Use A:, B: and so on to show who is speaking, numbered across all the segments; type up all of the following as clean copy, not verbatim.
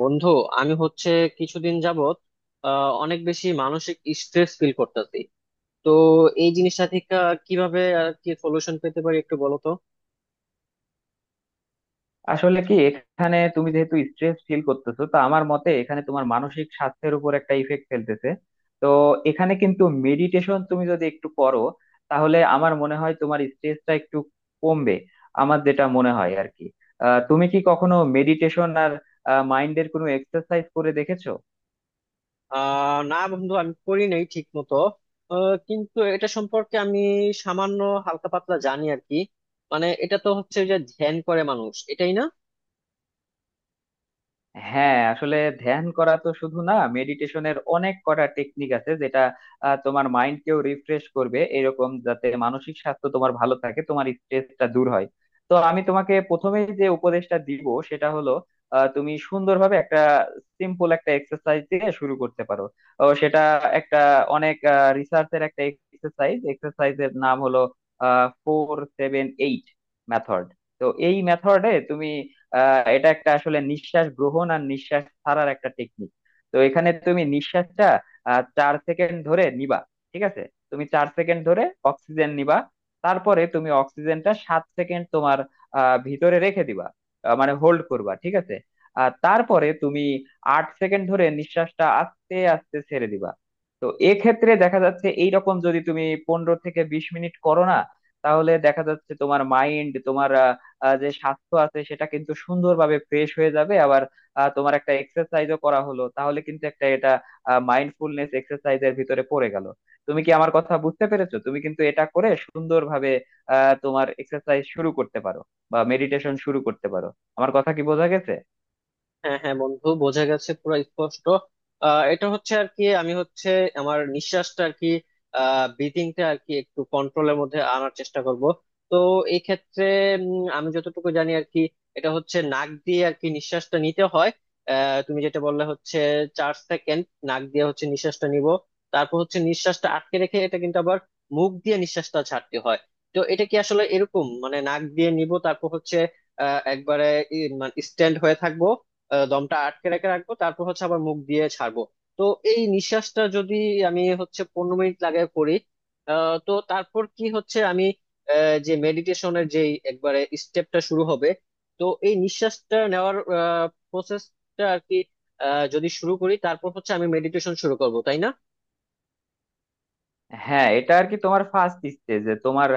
A: বন্ধু, আমি হচ্ছে কিছুদিন যাবত অনেক বেশি মানসিক স্ট্রেস ফিল করতেছি। তো এই জিনিসটা থেকে কিভাবে আর কি সলিউশন পেতে পারি একটু বলো তো।
B: আসলে কি, এখানে তুমি যেহেতু স্ট্রেস ফিল করতেছো, তো আমার মতে এখানে তোমার মানসিক স্বাস্থ্যের উপর একটা ইফেক্ট ফেলতেছে। তো এখানে কিন্তু মেডিটেশন তুমি যদি একটু করো, তাহলে আমার মনে হয় তোমার স্ট্রেসটা একটু কমবে। আমার যেটা মনে হয় আর কি, তুমি কি কখনো মেডিটেশন আর মাইন্ডের কোনো এক্সারসাইজ করে দেখেছো?
A: না বন্ধু, আমি করি নাই ঠিক মতো। কিন্তু এটা সম্পর্কে আমি সামান্য হালকা পাতলা জানি আর কি। মানে এটা তো হচ্ছে যে ধ্যান করে মানুষ, এটাই না?
B: হ্যাঁ, আসলে ধ্যান করা তো শুধু না, মেডিটেশনের অনেক কটা টেকনিক আছে যেটা তোমার মাইন্ডকেও রিফ্রেশ করবে এরকম, যাতে মানসিক স্বাস্থ্য তোমার ভালো থাকে, তোমার স্ট্রেসটা দূর হয়। তো আমি তোমাকে প্রথমেই যে উপদেশটা দিব সেটা হলো, তুমি সুন্দরভাবে একটা সিম্পল একটা এক্সারসাইজ দিয়ে শুরু করতে পারো। ও, সেটা একটা অনেক রিসার্চের একটা এক্সারসাইজ। এক্সারসাইজের নাম হলো ফোর সেভেন এইট মেথড। তো এই মেথডে তুমি, এটা একটা আসলে নিঃশ্বাস গ্রহণ আর নিঃশ্বাস ছাড়ার একটা টেকনিক। তো এখানে তুমি নিঃশ্বাসটা 4 সেকেন্ড ধরে নিবা, ঠিক আছে? তুমি 4 সেকেন্ড ধরে অক্সিজেন নিবা। তারপরে তুমি অক্সিজেনটা 7 সেকেন্ড তোমার ভিতরে রেখে দিবা। মানে হোল্ড করবা, ঠিক আছে। আর তারপরে তুমি 8 সেকেন্ড ধরে নিঃশ্বাসটা আস্তে আস্তে ছেড়ে দিবা। তো এক্ষেত্রে দেখা যাচ্ছে, এইরকম যদি তুমি 15 থেকে 20 মিনিট করো না, তাহলে দেখা যাচ্ছে তোমার মাইন্ড, তোমার যে স্বাস্থ্য আছে সেটা কিন্তু সুন্দরভাবে ফ্রেশ হয়ে যাবে। আবার তোমার একটা এক্সারসাইজও করা হলো, তাহলে কিন্তু একটা, এটা মাইন্ডফুলনেস এক্সারসাইজের ভিতরে পড়ে গেল। তুমি কি আমার কথা বুঝতে পেরেছো? তুমি কিন্তু এটা করে সুন্দরভাবে তোমার এক্সারসাইজ শুরু করতে পারো বা মেডিটেশন শুরু করতে পারো। আমার কথা কি বোঝা গেছে?
A: হ্যাঁ হ্যাঁ বন্ধু, বোঝা গেছে পুরো স্পষ্ট। এটা হচ্ছে আর কি, আমি হচ্ছে আমার নিঃশ্বাসটা আর কি, ব্রিদিংটা আর কি একটু কন্ট্রোলের মধ্যে আনার চেষ্টা করব। তো এই ক্ষেত্রে আমি যতটুকু জানি আর কি, এটা হচ্ছে নাক দিয়ে আর কি নিঃশ্বাসটা নিতে হয়। তুমি যেটা বললে হচ্ছে 4 সেকেন্ড নাক দিয়ে হচ্ছে নিঃশ্বাসটা নিব, তারপর হচ্ছে নিঃশ্বাসটা আটকে রেখে এটা কিন্তু আবার মুখ দিয়ে নিঃশ্বাসটা ছাড়তে হয়। তো এটা কি আসলে এরকম, মানে নাক দিয়ে নিব, তারপর হচ্ছে একবারে স্ট্যান্ড হয়ে থাকবো, দমটা আটকে রেখে রাখবো, তারপর হচ্ছে আবার মুখ দিয়ে ছাড়বো। তো এই নিঃশ্বাসটা যদি আমি হচ্ছে 15 মিনিট লাগায় করি, তো তারপর কি হচ্ছে আমি যে মেডিটেশনের যে একবারে স্টেপটা শুরু হবে। তো এই নিঃশ্বাসটা নেওয়ার প্রসেসটা আর কি যদি শুরু করি, তারপর হচ্ছে আমি মেডিটেশন শুরু করব, তাই না?
B: হ্যাঁ, এটা আর কি তোমার ফার্স্ট স্টেজ, যে তোমার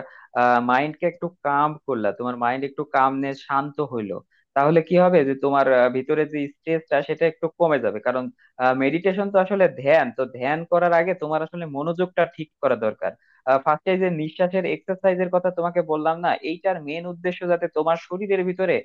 B: মাইন্ডকে একটু কাম করলা, তোমার মাইন্ড একটু কামনেস, শান্ত হইলো। তাহলে কি হবে, যে তোমার ভিতরে যে স্ট্রেসটা সেটা একটু কমে যাবে। কারণ মেডিটেশন তো আসলে ধ্যান, তো ধ্যান করার আগে তোমার আসলে মনোযোগটা ঠিক করা দরকার। ফার্স্টে যে নিঃশ্বাসের এক্সারসাইজের কথা তোমাকে বললাম না, এইটার মেন উদ্দেশ্য যাতে তোমার শরীরের ভিতরে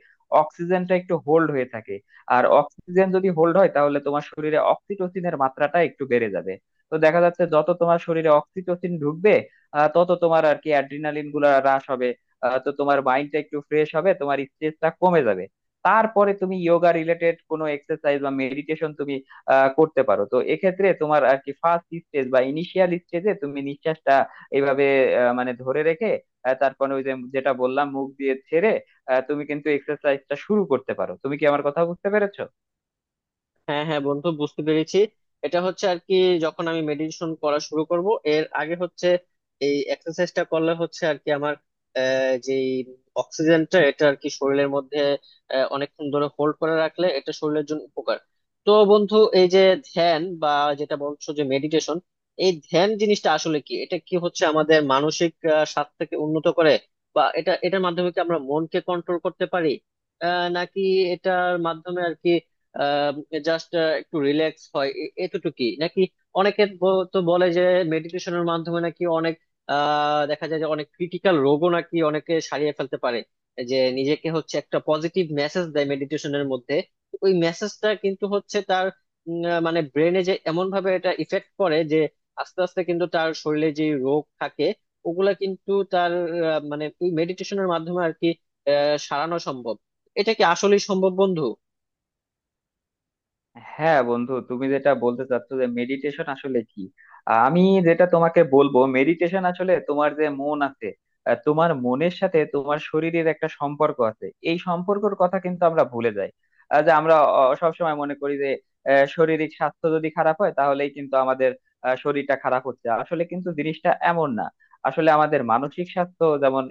B: অক্সিজেনটা একটু হোল্ড হয়ে থাকে। আর অক্সিজেন যদি হোল্ড হয়, তাহলে তোমার শরীরে অক্সিটোসিনের মাত্রাটা একটু বেড়ে যাবে। তো দেখা যাচ্ছে, যত তোমার শরীরে অক্সিটোসিন ঢুকবে, তত তোমার আর কি অ্যাড্রিনালিন গুলা হ্রাস হবে। তো তোমার মাইন্ডটা একটু ফ্রেশ হবে, তোমার স্ট্রেসটা কমে যাবে। তারপরে তুমি যোগা রিলেটেড কোনো এক্সারসাইজ বা মেডিটেশন তুমি করতে পারো। তো এক্ষেত্রে তোমার আর কি ফার্স্ট স্টেজ বা ইনিশিয়াল স্টেজে, তুমি নিঃশ্বাসটা এইভাবে মানে ধরে রেখে, তারপরে ওই যে যেটা বললাম, মুখ দিয়ে ছেড়ে, তুমি কিন্তু এক্সারসাইজটা শুরু করতে পারো। তুমি কি আমার কথা বুঝতে পেরেছো?
A: হ্যাঁ হ্যাঁ বন্ধু, বুঝতে পেরেছি। এটা হচ্ছে আর কি, যখন আমি মেডিটেশন করা শুরু করব এর আগে হচ্ছে এই এক্সারসাইজটা করলে হচ্ছে আর কি আমার যে অক্সিজেনটা এটা আর কি শরীরের মধ্যে অনেকক্ষণ ধরে হোল্ড করে রাখলে এটা শরীরের জন্য উপকার। তো বন্ধু, এই যে ধ্যান বা যেটা বলছো যে মেডিটেশন, এই ধ্যান জিনিসটা আসলে কি? এটা কি হচ্ছে আমাদের মানসিক স্বাস্থ্যকে উন্নত করে, বা এটা এটার মাধ্যমে কি আমরা মনকে কন্ট্রোল করতে পারি, নাকি এটার মাধ্যমে আর কি জাস্ট একটু রিল্যাক্স হয় এতটুকুই? নাকি অনেকে তো বলে যে মেডিটেশনের মাধ্যমে নাকি অনেক দেখা যায় যে অনেক ক্রিটিক্যাল রোগও নাকি অনেকে সারিয়ে ফেলতে পারে, যে নিজেকে হচ্ছে একটা পজিটিভ মেসেজ দেয় মেডিটেশনের মধ্যে। ওই মেসেজটা কিন্তু হচ্ছে তার মানে ব্রেনে যে এমন ভাবে এটা ইফেক্ট করে যে আস্তে আস্তে কিন্তু তার শরীরে যে রোগ থাকে ওগুলা কিন্তু তার মানে ওই মেডিটেশনের মাধ্যমে আর কি সারানো সম্ভব। এটা কি আসলেই সম্ভব বন্ধু?
B: হ্যাঁ বন্ধু, তুমি যেটা বলতে চাচ্ছ যে মেডিটেশন আসলে কি, আমি যেটা তোমাকে বলবো, মেডিটেশন আসলে তোমার যে মন আছে, তোমার মনের সাথে তোমার শরীরের একটা সম্পর্ক আছে। এই সম্পর্কের কথা কিন্তু আমরা ভুলে যাই। যে আমরা সব সময় মনে করি যে শারীরিক স্বাস্থ্য যদি খারাপ হয় তাহলেই কিন্তু আমাদের শরীরটা খারাপ হচ্ছে। আসলে কিন্তু জিনিসটা এমন না। আসলে আমাদের মানসিক স্বাস্থ্য যেমন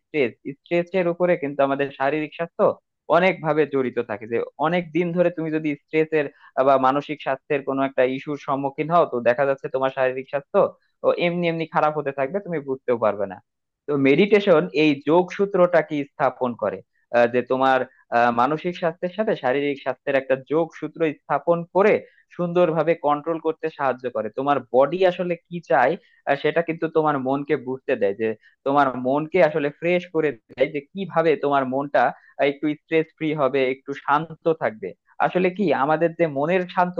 B: স্ট্রেস, স্ট্রেসের উপরে কিন্তু আমাদের শারীরিক স্বাস্থ্য অনেক ভাবে জড়িত থাকে, যে অনেক দিন ধরে তুমি যদি স্ট্রেসের বা মানসিক স্বাস্থ্যের কোনো একটা ইস্যুর সম্মুখীন হও, তো দেখা যাচ্ছে তোমার শারীরিক স্বাস্থ্য ও এমনি এমনি খারাপ হতে থাকবে, তুমি বুঝতেও পারবে না। তো মেডিটেশন এই যোগসূত্রটা কি স্থাপন করে, যে তোমার মানসিক স্বাস্থ্যের সাথে শারীরিক স্বাস্থ্যের একটা যোগসূত্র স্থাপন করে, সুন্দরভাবে কন্ট্রোল করতে সাহায্য করে। তোমার বডি আসলে কি চায়, সেটা কিন্তু তোমার মনকে বুঝতে দেয়। যে তোমার মনকে আসলে ফ্রেশ করে দেয়, যে কিভাবে তোমার মনটা একটু স্ট্রেস ফ্রি হবে, একটু শান্ত থাকবে। আসলে কি, আমাদের যে মনের শান্ত,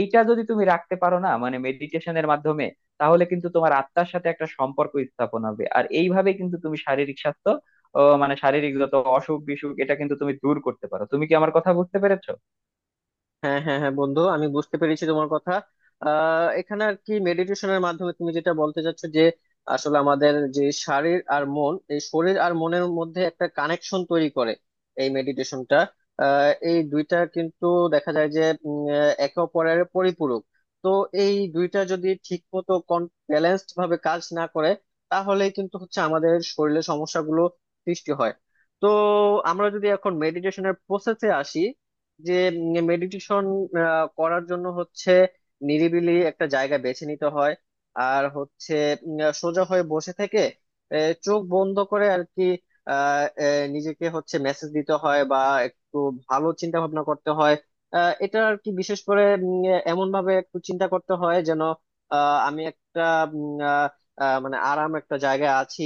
B: এইটা যদি তুমি রাখতে পারো না মানে মেডিটেশনের মাধ্যমে, তাহলে কিন্তু তোমার আত্মার সাথে একটা সম্পর্ক স্থাপন হবে। আর এইভাবে কিন্তু তুমি শারীরিক স্বাস্থ্য ও মানে শারীরিক যত অসুখ বিসুখ, এটা কিন্তু তুমি দূর করতে পারো। তুমি কি আমার কথা বুঝতে পেরেছো?
A: হ্যাঁ হ্যাঁ হ্যাঁ বন্ধু, আমি বুঝতে পেরেছি তোমার কথা। এখানে আর কি মেডিটেশনের মাধ্যমে তুমি যেটা বলতে চাচ্ছ যে আসলে আমাদের যে শরীর আর মন, এই শরীর আর মনের মধ্যে একটা কানেকশন তৈরি করে এই মেডিটেশনটা। এই দুইটা কিন্তু দেখা যায় যে একে অপরের পরিপূরক। তো এই দুইটা যদি ঠিক মতো ব্যালেন্সড ভাবে কাজ না করে, তাহলে কিন্তু হচ্ছে আমাদের শরীরে সমস্যাগুলো সৃষ্টি হয়। তো আমরা যদি এখন মেডিটেশনের প্রসেসে আসি, যে মেডিটেশন করার জন্য হচ্ছে নিরিবিলি একটা জায়গা বেছে নিতে হয়, আর হচ্ছে সোজা হয়ে বসে থেকে চোখ বন্ধ করে আর কি আহ, আহ, নিজেকে হচ্ছে মেসেজ দিতে হয় বা একটু ভালো চিন্তা ভাবনা করতে হয়। এটা আর কি বিশেষ করে এমন ভাবে একটু চিন্তা করতে হয় যেন আমি একটা উম, আহ, মানে আরাম একটা জায়গায় আছি।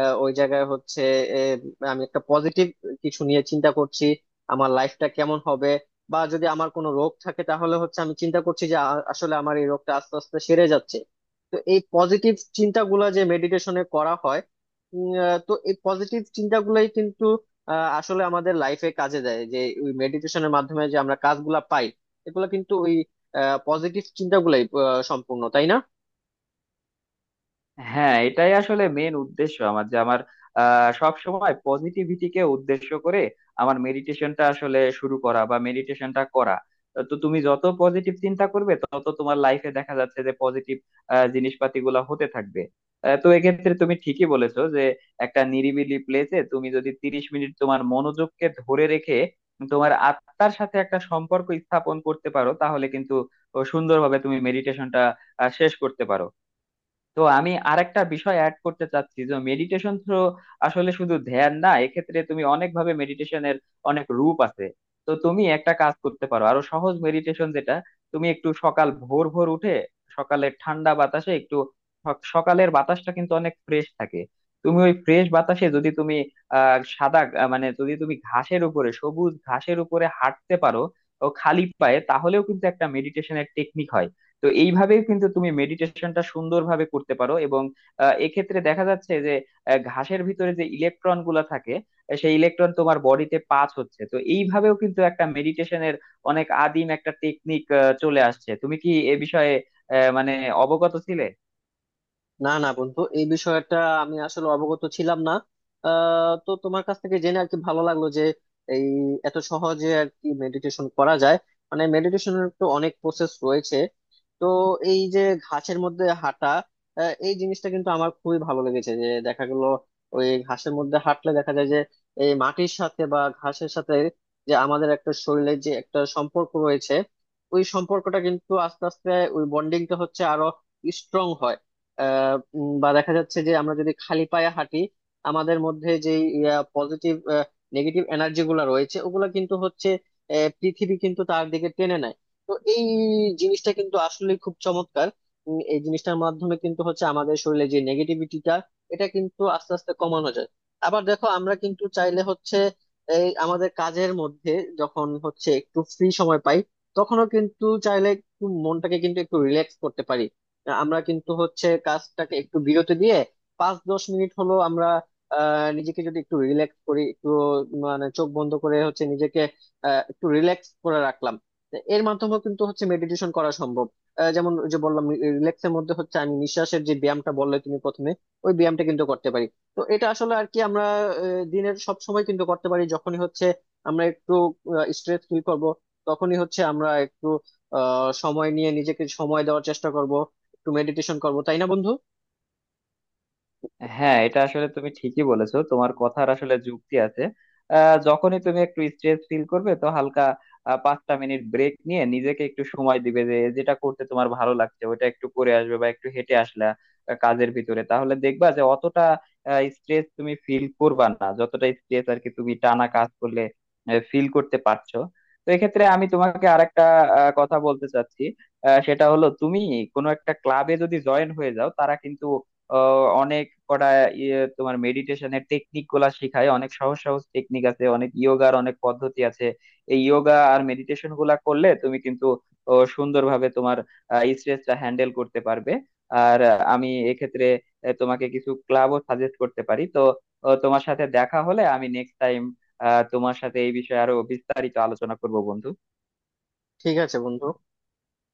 A: ওই জায়গায় হচ্ছে আহ, আমি একটা পজিটিভ কিছু নিয়ে চিন্তা করছি, আমার লাইফটা কেমন হবে, বা যদি আমার কোনো রোগ থাকে তাহলে হচ্ছে আমি চিন্তা করছি যে আসলে আমার এই রোগটা আস্তে আস্তে সেরে যাচ্ছে। তো এই পজিটিভ চিন্তাগুলো যে মেডিটেশনে করা হয়, তো এই পজিটিভ চিন্তাগুলোই কিন্তু আসলে আমাদের লাইফে কাজে দেয়, যে ওই মেডিটেশনের মাধ্যমে যে আমরা কাজগুলা পাই এগুলো কিন্তু ওই পজিটিভ চিন্তাগুলাই সম্পূর্ণ, তাই না?
B: হ্যাঁ, এটাই আসলে মেন উদ্দেশ্য আমার, যে আমার সব সময় পজিটিভিটিকে উদ্দেশ্য করে আমার মেডিটেশনটা আসলে শুরু করা বা মেডিটেশনটা করা। তো তুমি যত পজিটিভ চিন্তা করবে, তত তোমার লাইফে দেখা যাচ্ছে যে পজিটিভ জিনিসপাতি গুলা হতে থাকবে। তো এক্ষেত্রে তুমি ঠিকই বলেছো, যে একটা নিরিবিলি প্লেসে তুমি যদি 30 মিনিট তোমার মনোযোগকে ধরে রেখে তোমার আত্মার সাথে একটা সম্পর্ক স্থাপন করতে পারো, তাহলে কিন্তু সুন্দরভাবে তুমি মেডিটেশনটা শেষ করতে পারো। তো আমি আরেকটা বিষয় অ্যাড করতে চাচ্ছি, যে মেডিটেশন তো আসলে শুধু ধ্যান না, এক্ষেত্রে তুমি অনেক ভাবে মেডিটেশনের অনেক রূপ আছে। তো তুমি একটা কাজ করতে পারো, আরো সহজ মেডিটেশন যেটা, তুমি একটু সকাল ভোর ভোর উঠে সকালের ঠান্ডা বাতাসে একটু, সকালের বাতাসটা কিন্তু অনেক ফ্রেশ থাকে। তুমি ওই ফ্রেশ বাতাসে যদি তুমি মানে যদি তুমি ঘাসের উপরে, সবুজ ঘাসের উপরে হাঁটতে পারো ও খালি পায়ে, তাহলেও কিন্তু একটা মেডিটেশনের টেকনিক হয়। তো এইভাবে কিন্তু তুমি মেডিটেশনটা সুন্দরভাবে করতে পারো। এবং এক্ষেত্রে দেখা যাচ্ছে যে ঘাসের ভিতরে যে ইলেকট্রন গুলা থাকে, সেই ইলেকট্রন তোমার বডিতে পাস হচ্ছে। তো এইভাবেও কিন্তু একটা মেডিটেশনের অনেক আদিম একটা টেকনিক চলে আসছে। তুমি কি এ বিষয়ে মানে অবগত ছিলে?
A: না না বন্ধু, এই বিষয়টা আমি আসলে অবগত ছিলাম না। তো তোমার কাছ থেকে জেনে আর কি ভালো লাগলো যে এই এত সহজে আর কি মেডিটেশন করা যায়। মানে মেডিটেশনের তো অনেক প্রসেস রয়েছে। তো এই যে ঘাসের মধ্যে হাঁটা, এই জিনিসটা কিন্তু আমার খুবই ভালো লেগেছে। যে দেখা গেল ওই ঘাসের মধ্যে হাঁটলে দেখা যায় যে এই মাটির সাথে বা ঘাসের সাথে যে আমাদের একটা শরীরের যে একটা সম্পর্ক রয়েছে, ওই সম্পর্কটা কিন্তু আস্তে আস্তে, ওই বন্ডিংটা হচ্ছে আরো স্ট্রং হয়। বা দেখা যাচ্ছে যে আমরা যদি খালি পায়ে হাঁটি, আমাদের মধ্যে যে পজিটিভ নেগেটিভ এনার্জি গুলা রয়েছে ওগুলা কিন্তু হচ্ছে পৃথিবী কিন্তু তার দিকে টেনে নেয়। তো এই জিনিসটা কিন্তু আসলে খুব চমৎকার। এই জিনিসটার মাধ্যমে কিন্তু হচ্ছে আমাদের শরীরে যে নেগেটিভিটিটা এটা কিন্তু আস্তে আস্তে কমানো যায়। আবার দেখো, আমরা কিন্তু চাইলে হচ্ছে এই আমাদের কাজের মধ্যে যখন হচ্ছে একটু ফ্রি সময় পাই, তখনও কিন্তু চাইলে একটু মনটাকে কিন্তু একটু রিল্যাক্স করতে পারি। আমরা কিন্তু হচ্ছে কাজটাকে একটু বিরতি দিয়ে 5-10 মিনিট হলো আমরা নিজেকে যদি একটু রিল্যাক্স করি, একটু মানে চোখ বন্ধ করে হচ্ছে নিজেকে একটু রিল্যাক্স করে রাখলাম, তো এর মাধ্যমেও কিন্তু হচ্ছে মেডিটেশন করা সম্ভব। যেমন ওই যে বললাম, রিল্যাক্সের মধ্যে হচ্ছে আমি নিঃশ্বাসের যে ব্যায়ামটা বললে তুমি প্রথমে, ওই ব্যায়ামটা কিন্তু করতে পারি। তো এটা আসলে আর কি আমরা দিনের সব সময় কিন্তু করতে পারি। যখনই হচ্ছে আমরা একটু স্ট্রেস ফিল করব, তখনই হচ্ছে আমরা একটু সময় নিয়ে নিজেকে সময় দেওয়ার চেষ্টা করব, একটু মেডিটেশন করবো, তাই না বন্ধু?
B: হ্যাঁ, এটা আসলে তুমি ঠিকই বলেছো, তোমার কথার আসলে যুক্তি আছে। যখনই তুমি একটু স্ট্রেস ফিল করবে, তো হালকা 5টা মিনিট ব্রেক নিয়ে নিজেকে একটু সময় দিবে, যে যেটা করতে তোমার ভালো লাগছে ওটা একটু করে আসবে বা একটু হেঁটে আসলা। কাজের ভিতরে, তাহলে দেখবা যে অতটা স্ট্রেস তুমি ফিল করবা না যতটা স্ট্রেস আর কি তুমি টানা কাজ করলে ফিল করতে পারছো। তো এক্ষেত্রে আমি তোমাকে আরেকটা কথা বলতে চাচ্ছি। সেটা হলো, তুমি কোনো একটা ক্লাবে যদি জয়েন হয়ে যাও, তারা কিন্তু অনেক কটা ইয়ে তোমার মেডিটেশনের টেকনিক গুলা শেখায়। অনেক সহজ সহজ টেকনিক আছে, অনেক ইয়োগার অনেক পদ্ধতি আছে। এই ইয়োগা আর মেডিটেশন গুলা করলে তুমি কিন্তু, ও, সুন্দরভাবে তোমার স্ট্রেসটা হ্যান্ডেল করতে পারবে। আর আমি এক্ষেত্রে তোমাকে কিছু ক্লাবও সাজেস্ট করতে পারি। তো তোমার সাথে দেখা হলে আমি নেক্সট টাইম তোমার সাথে এই বিষয়ে আরো বিস্তারিত আলোচনা করব বন্ধু।
A: ঠিক আছে বন্ধু।